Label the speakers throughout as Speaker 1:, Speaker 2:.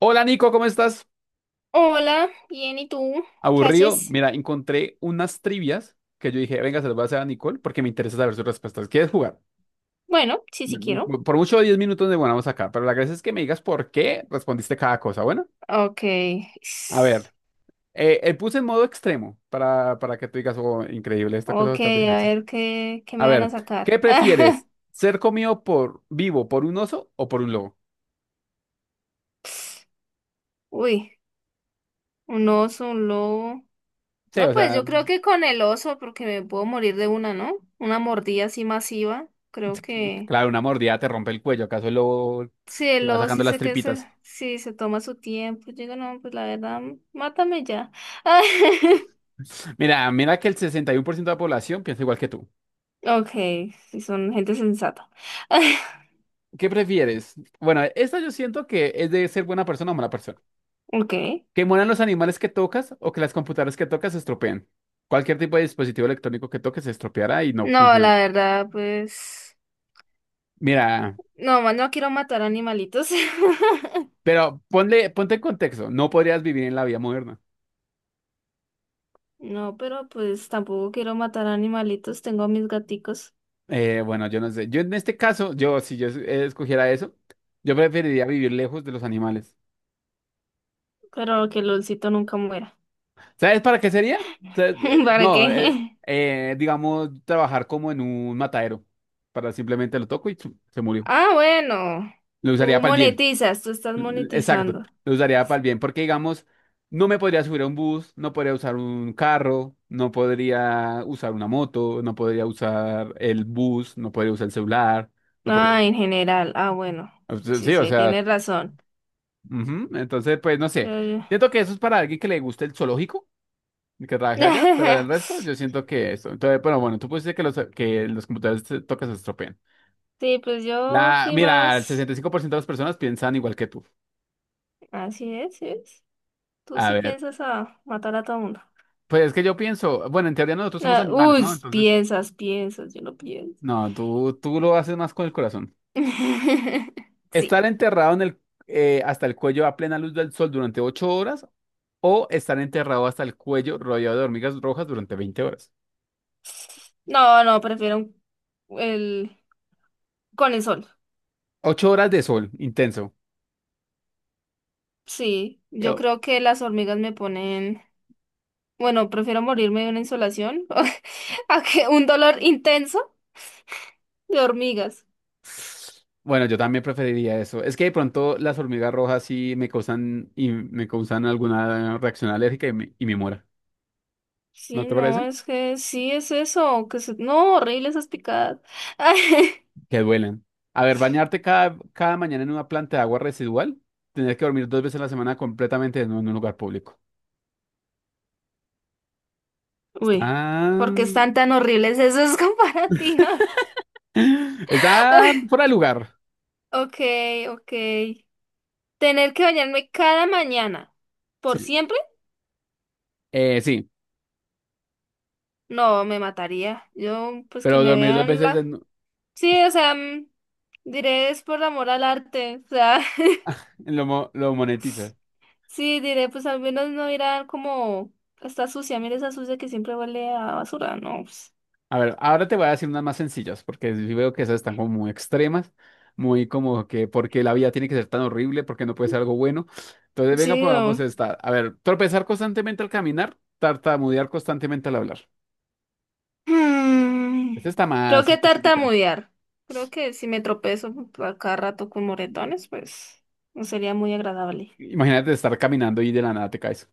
Speaker 1: Hola Nico, ¿cómo estás?
Speaker 2: Hola, bien, ¿y tú? ¿Qué
Speaker 1: Aburrido.
Speaker 2: haces?
Speaker 1: Mira, encontré unas trivias que yo dije, venga, se las voy a hacer a Nicole porque me interesa saber sus respuestas. ¿Quieres jugar?
Speaker 2: Bueno, sí quiero.
Speaker 1: Por mucho 10 minutos de vamos acá, pero la gracia es que me digas por qué respondiste cada cosa. Bueno,
Speaker 2: Ok.
Speaker 1: a ver, puse en modo extremo para que tú digas, oh, increíble, esta cosa va a
Speaker 2: Ok,
Speaker 1: estar
Speaker 2: a
Speaker 1: difícil.
Speaker 2: ver qué
Speaker 1: A
Speaker 2: me van a
Speaker 1: ver,
Speaker 2: sacar.
Speaker 1: ¿qué prefieres? ¿Ser comido por vivo por un oso o por un lobo?
Speaker 2: Uy, un oso, un lobo.
Speaker 1: Sí,
Speaker 2: No,
Speaker 1: o
Speaker 2: pues
Speaker 1: sea,
Speaker 2: yo creo que con el oso, porque me puedo morir de una, ¿no? Una mordida así masiva. Creo que.
Speaker 1: claro, una mordida te rompe el cuello. ¿Acaso el lobo
Speaker 2: Sí,
Speaker 1: te
Speaker 2: el
Speaker 1: va
Speaker 2: lobo
Speaker 1: sacando
Speaker 2: sí
Speaker 1: las
Speaker 2: sé que se,
Speaker 1: tripitas?
Speaker 2: sí, se toma su tiempo. Yo digo, no, pues la verdad, mátame ya.
Speaker 1: Mira, mira que el 61% de la población piensa igual que tú.
Speaker 2: Ok, si son gente sensata.
Speaker 1: ¿Qué prefieres? Bueno, esta yo siento que es de ser buena persona o mala persona.
Speaker 2: Ok.
Speaker 1: ¿Que mueran los animales que tocas o que las computadoras que tocas se estropeen? Cualquier tipo de dispositivo electrónico que toques se estropeará y no
Speaker 2: No,
Speaker 1: funcionará.
Speaker 2: la verdad, pues...
Speaker 1: Mira,
Speaker 2: No, no quiero matar animalitos.
Speaker 1: pero ponte en contexto. No podrías vivir en la vida moderna.
Speaker 2: No, pero pues tampoco quiero matar animalitos. Tengo a mis gaticos.
Speaker 1: Bueno, yo no sé. Yo en este caso, yo si escogiera eso, yo preferiría vivir lejos de los animales.
Speaker 2: Pero que Lolcito nunca muera.
Speaker 1: ¿Sabes para qué sería? Sa-
Speaker 2: ¿Para
Speaker 1: No,
Speaker 2: qué?
Speaker 1: Digamos, trabajar como en un matadero. Para simplemente lo toco y chu, se murió.
Speaker 2: Ah, bueno.
Speaker 1: Lo usaría
Speaker 2: Tú
Speaker 1: para el bien.
Speaker 2: monetizas, tú estás
Speaker 1: Exacto.
Speaker 2: monetizando.
Speaker 1: Lo usaría para el bien. Porque, digamos, no me podría subir a un bus, no podría usar un carro, no podría usar una moto, no podría usar el bus, no podría usar el celular, no podría.
Speaker 2: Ah, en general. Ah, bueno. Sí,
Speaker 1: Sí, o
Speaker 2: sí,
Speaker 1: sea,
Speaker 2: tienes razón.
Speaker 1: ujú. Entonces, pues no sé.
Speaker 2: Yo- yo-
Speaker 1: Siento que eso es para alguien que le guste el zoológico, que trabajé allá, pero el resto yo siento que esto. Entonces, bueno, bueno, tú pusiste que los computadores te tocan se estropean.
Speaker 2: Sí, pues yo fui
Speaker 1: Mira, el
Speaker 2: más...
Speaker 1: 65% de las personas piensan igual que tú.
Speaker 2: Así es, sí es. Tú
Speaker 1: A
Speaker 2: sí
Speaker 1: ver,
Speaker 2: piensas a matar a todo mundo.
Speaker 1: pues es que yo pienso, bueno, en teoría nosotros somos
Speaker 2: Ah,
Speaker 1: animales,
Speaker 2: uy,
Speaker 1: ¿no? Entonces,
Speaker 2: piensas, piensas, yo no pienso.
Speaker 1: no, tú lo haces más con el corazón.
Speaker 2: Sí.
Speaker 1: Estar enterrado hasta el cuello a plena luz del sol durante 8 horas, o estar enterrado hasta el cuello rodeado de hormigas rojas durante veinte horas.
Speaker 2: No, no, prefiero el con el sol.
Speaker 1: 8 horas de sol intenso.
Speaker 2: Sí, yo creo que las hormigas me ponen, bueno, prefiero morirme de una insolación a que un dolor intenso de hormigas.
Speaker 1: Bueno, yo también preferiría eso. Es que de pronto las hormigas rojas sí me causan alguna reacción alérgica y me muera. ¿No
Speaker 2: Sí,
Speaker 1: te
Speaker 2: no,
Speaker 1: parece?
Speaker 2: es que sí es eso, que se... no, horrible esas picadas.
Speaker 1: Que duelen. A ver, bañarte cada mañana en una planta de agua residual, tener que dormir dos veces a la semana completamente en un lugar público.
Speaker 2: Uy, ¿por qué
Speaker 1: Están,
Speaker 2: están tan horribles esas comparativas?
Speaker 1: están fuera de lugar.
Speaker 2: Ok, ok. Tener que bañarme cada mañana. ¿Por
Speaker 1: Sí,
Speaker 2: siempre?
Speaker 1: Sí,
Speaker 2: No, me mataría. Yo, pues que
Speaker 1: pero
Speaker 2: me
Speaker 1: dormir dos
Speaker 2: vean
Speaker 1: veces
Speaker 2: la...
Speaker 1: en
Speaker 2: Sí, o sea, diré es por amor al arte. O sea,
Speaker 1: lo monetiza.
Speaker 2: sí, diré, pues al menos no irá como... Está sucia, mira esa sucia que siempre huele a basura. No, pues,
Speaker 1: A ver, ahora te voy a decir unas más sencillas, porque sí veo que esas están como muy extremas, muy como que porque la vida tiene que ser tan horrible, porque no puede ser algo bueno. Entonces, venga,
Speaker 2: Sí, o-
Speaker 1: probamos esta. A ver, tropezar constantemente al caminar, tartamudear constantemente al hablar. Esta
Speaker 2: Mm,
Speaker 1: está
Speaker 2: Creo
Speaker 1: más
Speaker 2: que
Speaker 1: específica.
Speaker 2: tartamudear. Creo que si me tropezo a cada rato con moretones, pues no sería muy agradable.
Speaker 1: Imagínate estar caminando y de la nada te caes.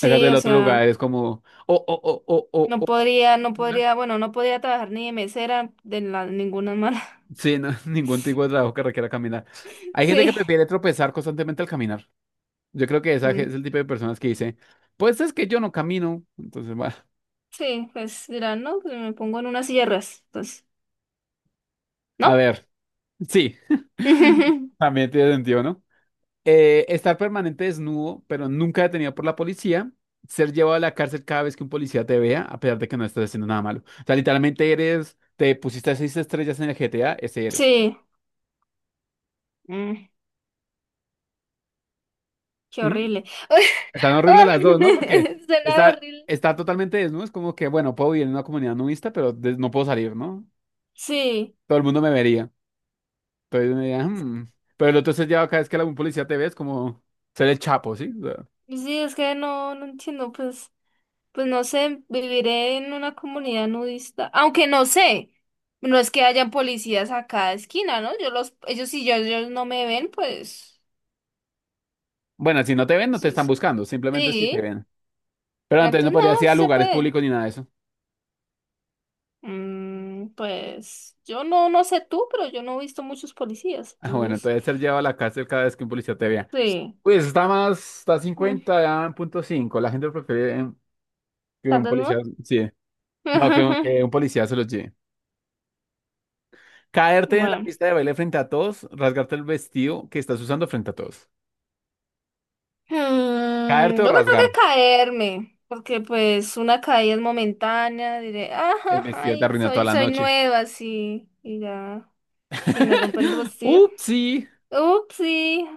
Speaker 1: Acá del
Speaker 2: o
Speaker 1: otro
Speaker 2: sea...
Speaker 1: lugar es como, oh, oh, oh, oh, oh,
Speaker 2: No
Speaker 1: oh, oh,
Speaker 2: podría, no
Speaker 1: hola.
Speaker 2: podría, bueno, no podría trabajar ni de mesera de la, ninguna mala.
Speaker 1: Sí, no, ningún tipo de trabajo que requiera caminar. Hay gente que
Speaker 2: Sí,
Speaker 1: prefiere tropezar constantemente al caminar. Yo creo que esa
Speaker 2: mm,
Speaker 1: es el tipo de personas que dice, pues es que yo no camino. Entonces, bueno,
Speaker 2: sí, pues dirán, no, pues me pongo en unas sierras, entonces,
Speaker 1: a
Speaker 2: ¿no?
Speaker 1: ver, sí, también tiene sentido, ¿no? Estar permanente desnudo, pero nunca detenido por la policía. Ser llevado a la cárcel cada vez que un policía te vea, a pesar de que no estás haciendo nada malo. O sea, literalmente eres, te pusiste seis estrellas en el GTA, ese eres.
Speaker 2: Sí, mm, qué
Speaker 1: ¿Mm?
Speaker 2: horrible.
Speaker 1: Están
Speaker 2: Ah,
Speaker 1: horribles las dos, ¿no? Porque
Speaker 2: suena horrible.
Speaker 1: está totalmente desnudo, es como que, bueno, puedo vivir en una comunidad nudista, pero no puedo salir, ¿no?
Speaker 2: Sí,
Speaker 1: Todo el mundo me vería. Entonces, uno diría, "Hmm". Pero entonces ya cada vez que algún policía te ve es como ser el chapo, ¿sí? O sea,
Speaker 2: sí, es que no, no entiendo, pues, pues no sé, viviré en una comunidad nudista, aunque no sé. No es que hayan policías a cada esquina, ¿no? Yo los, ellos si yo, ellos no me ven, pues.
Speaker 1: bueno, si no te ven, no te están
Speaker 2: Pues,
Speaker 1: buscando, simplemente si te
Speaker 2: sí,
Speaker 1: ven. Pero entonces no
Speaker 2: entonces
Speaker 1: podrías
Speaker 2: no,
Speaker 1: ir
Speaker 2: sí
Speaker 1: a
Speaker 2: se
Speaker 1: lugares
Speaker 2: puede.
Speaker 1: públicos ni nada de eso.
Speaker 2: Mm, pues yo no, no sé tú, pero yo no he visto muchos policías,
Speaker 1: Ah, bueno,
Speaker 2: entonces
Speaker 1: entonces ser llevado a la cárcel cada vez que un policía te vea.
Speaker 2: sí,
Speaker 1: Pues está más, está
Speaker 2: mm,
Speaker 1: cincuenta ya en punto cinco. La gente prefiere que
Speaker 2: tal
Speaker 1: un
Speaker 2: vez
Speaker 1: policía,
Speaker 2: no.
Speaker 1: sí. No, que un policía se los lleve. Caerte en la
Speaker 2: Bueno,
Speaker 1: pista de baile frente a todos, rasgarte el vestido que estás usando frente a todos. Caerte
Speaker 2: mm,
Speaker 1: o
Speaker 2: yo creo
Speaker 1: rasgar.
Speaker 2: que caerme, porque pues una caída es momentánea, diré,
Speaker 1: El
Speaker 2: ajá,
Speaker 1: vestido te
Speaker 2: ay,
Speaker 1: arruinó toda
Speaker 2: soy,
Speaker 1: la
Speaker 2: soy
Speaker 1: noche.
Speaker 2: nueva, sí, y ya se me rompe el vestido.
Speaker 1: Upsi.
Speaker 2: Ups, sí,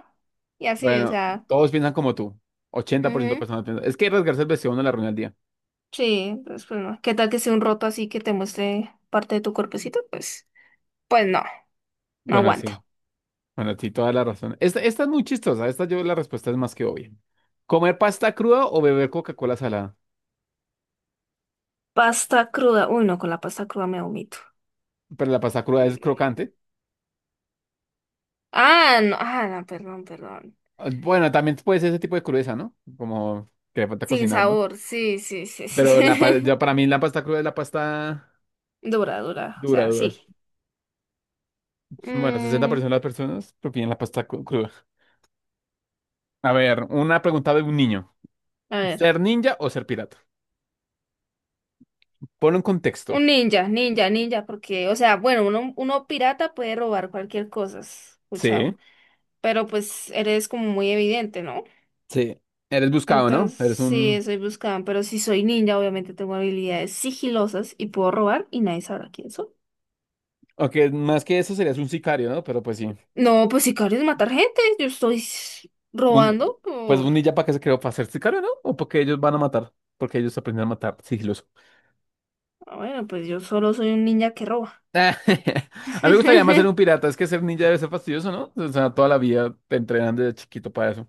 Speaker 2: y así, o
Speaker 1: Bueno,
Speaker 2: sea.
Speaker 1: todos piensan como tú. 80% de personas piensan. Es que rasgarse el vestido no le arruina el día.
Speaker 2: Sí, entonces pues no. ¿Qué tal que sea un roto así que te muestre parte de tu cuerpecito? Pues, pues no, no
Speaker 1: Bueno, sí.
Speaker 2: aguanta.
Speaker 1: Bueno, sí, toda la razón. Esta es muy chistosa. Esta yo la respuesta es más que obvia. ¿Comer pasta cruda o beber Coca-Cola salada?
Speaker 2: Pasta cruda. Uy, no, con la pasta cruda me vomito.
Speaker 1: Pero la pasta cruda es
Speaker 2: Mm.
Speaker 1: crocante.
Speaker 2: Ah, no, ah, no, perdón, perdón.
Speaker 1: Ah, bueno, también puede ser ese tipo de crudeza, ¿no? Como que le falta
Speaker 2: Sin
Speaker 1: cocinar, ¿no?
Speaker 2: sabor, sí, sí, sí,
Speaker 1: Pero
Speaker 2: sí.
Speaker 1: ya para mí la pasta cruda es la pasta
Speaker 2: Dura, dura, o
Speaker 1: dura,
Speaker 2: sea,
Speaker 1: dura.
Speaker 2: sí.
Speaker 1: Bueno, sesenta por
Speaker 2: Mm,
Speaker 1: ciento de las personas prefieren la cruda. A ver, una pregunta de un niño.
Speaker 2: a ver,
Speaker 1: ¿Ser ninja o ser pirata? Ponlo en contexto.
Speaker 2: un ninja, ninja, ninja, porque, o sea, bueno, uno, uno pirata puede robar cualquier cosa,
Speaker 1: Sí.
Speaker 2: escuchado, pero pues eres como muy evidente, ¿no?
Speaker 1: Sí, eres buscado, ¿no?
Speaker 2: Entonces,
Speaker 1: Eres un...
Speaker 2: sí, soy buscada, pero si soy ninja, obviamente tengo habilidades sigilosas y puedo robar y nadie sabrá quién soy.
Speaker 1: Aunque más que eso serías un sicario, ¿no? Pero pues sí.
Speaker 2: No, pues sicario es matar gente. Yo estoy
Speaker 1: Un...
Speaker 2: robando
Speaker 1: Pues
Speaker 2: por...
Speaker 1: un ninja para qué se creó, para ser sicario, ¿no? O porque ellos van a matar. Porque ellos aprenden a matar sigiloso.
Speaker 2: Ah, bueno, pues yo solo soy un ninja que roba.
Speaker 1: A mí me gustaría más ser un pirata. Es que ser ninja debe ser fastidioso, ¿no? O sea, toda la vida te entrenan desde chiquito para eso.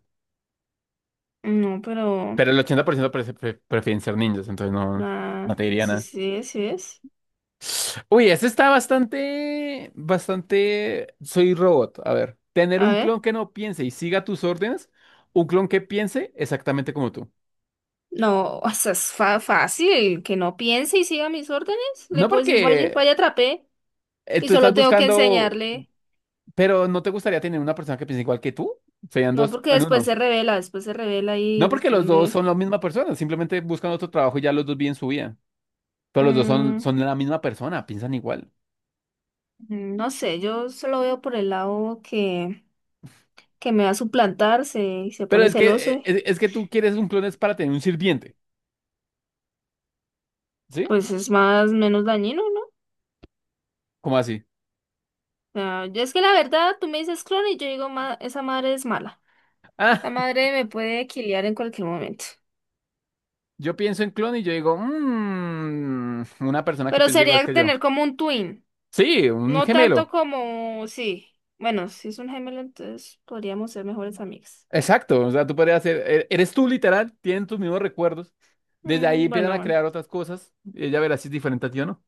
Speaker 2: No, pero...
Speaker 1: Pero el 80% prefieren ser ninjas, entonces no, no
Speaker 2: Ah,
Speaker 1: te
Speaker 2: sí,
Speaker 1: diría.
Speaker 2: sí, sí es.
Speaker 1: Uy, ese está bastante, bastante. Soy robot. A ver, tener
Speaker 2: A
Speaker 1: un
Speaker 2: ver.
Speaker 1: clon que no piense y siga tus órdenes, un clon que piense exactamente como tú.
Speaker 2: No, o sea, es fácil. Que no piense y siga mis órdenes. Le
Speaker 1: No
Speaker 2: puedo decir, vaya,
Speaker 1: porque
Speaker 2: vaya, atrapé. Y
Speaker 1: tú estás
Speaker 2: solo tengo que
Speaker 1: buscando,
Speaker 2: enseñarle.
Speaker 1: pero ¿no te gustaría tener una persona que piense igual que tú? Serían
Speaker 2: No,
Speaker 1: dos
Speaker 2: porque
Speaker 1: en uno.
Speaker 2: después se revela
Speaker 1: No
Speaker 2: y
Speaker 1: porque
Speaker 2: después
Speaker 1: los dos son
Speaker 2: me...
Speaker 1: la misma persona, simplemente buscan otro trabajo y ya los dos viven su vida. Pero los dos
Speaker 2: Mm,
Speaker 1: son la misma persona, piensan igual.
Speaker 2: no sé, yo solo veo por el lado que me va a suplantar, se
Speaker 1: Pero
Speaker 2: pone
Speaker 1: es que,
Speaker 2: celoso,
Speaker 1: es que tú quieres un clon es para tener un sirviente, ¿sí?
Speaker 2: pues es más, menos dañino, ¿no?
Speaker 1: ¿Cómo así?
Speaker 2: O sea, es que la verdad, tú me dices clon y yo digo, esa madre es mala. La madre me puede quiliar en cualquier momento.
Speaker 1: Yo pienso en clon y yo digo, "Mm, una persona que
Speaker 2: Pero
Speaker 1: piensa igual
Speaker 2: sería
Speaker 1: que yo".
Speaker 2: tener como un twin,
Speaker 1: Sí, un
Speaker 2: no tanto
Speaker 1: gemelo.
Speaker 2: como, sí, bueno, si es un gemelo, entonces podríamos ser mejores amigas.
Speaker 1: Exacto. O sea, tú podrías ser, eres tú literal, tienen tus mismos recuerdos. Desde ahí
Speaker 2: Mm,
Speaker 1: empiezan a crear otras cosas, y ella verá si es diferente a ti o no.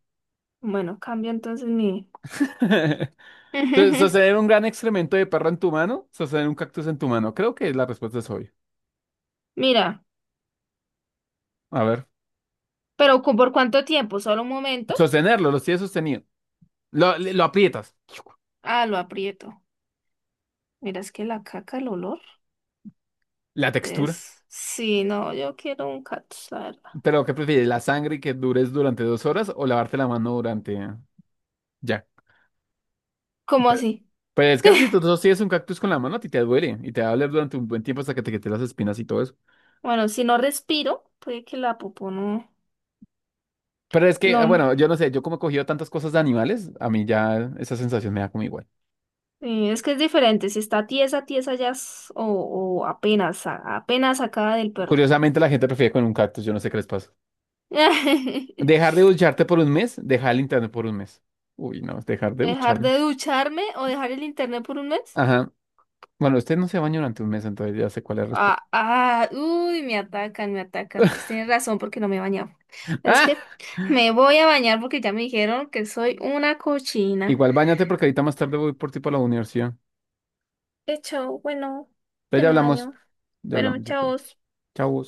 Speaker 2: bueno, cambio entonces mi...
Speaker 1: Entonces, sostener un gran excremento de perro en tu mano, sostener un cactus en tu mano. Creo que la respuesta es obvia.
Speaker 2: Mira,
Speaker 1: A ver,
Speaker 2: pero ¿por cuánto tiempo? ¿Solo un momento?
Speaker 1: sostenerlo, lo tienes sostenido. Lo aprietas.
Speaker 2: Ah, lo aprieto. Mira, es que la caca, el olor
Speaker 1: La textura.
Speaker 2: es... Sí, no, yo quiero un cactus, la verdad.
Speaker 1: Pero, ¿qué prefieres? ¿La sangre que dures durante dos horas o lavarte la mano durante... Ya.
Speaker 2: ¿Cómo así?
Speaker 1: Pero es que si tú sostienes un cactus con la mano, a ti te duele y te va a doler durante un buen tiempo hasta que te quiten las espinas y todo eso.
Speaker 2: Bueno, si no respiro, puede que la popó no...
Speaker 1: Pero es que, ah,
Speaker 2: No,
Speaker 1: bueno, yo no sé, yo como he cogido tantas cosas de animales, a mí ya esa sensación me da como igual.
Speaker 2: sí, es que es diferente. Si está tiesa, tiesa ya o apenas, apenas sacada del perro.
Speaker 1: Curiosamente, la gente prefiere con un cactus, yo no sé qué les pasa. Dejar de ducharte por un mes, dejar el internet por un mes. Uy, no, dejar de
Speaker 2: ¿Dejar
Speaker 1: ducharme.
Speaker 2: de ducharme o dejar el internet por un mes?
Speaker 1: Ajá. Bueno, usted no se baña durante un mes, entonces ya sé cuál es la respuesta.
Speaker 2: Ah, ah, uy, me atacan, me atacan. Pues tienes razón porque no me he bañado. Es
Speaker 1: ¡Ah!
Speaker 2: que me voy a bañar porque ya me dijeron que soy una cochina.
Speaker 1: Igual bañate porque ahorita más tarde voy por ti para la universidad.
Speaker 2: Chao, bueno,
Speaker 1: Entonces
Speaker 2: ya
Speaker 1: ya
Speaker 2: me
Speaker 1: hablamos.
Speaker 2: baño.
Speaker 1: Ya
Speaker 2: Bueno,
Speaker 1: hablamos después.
Speaker 2: chao.
Speaker 1: Chau.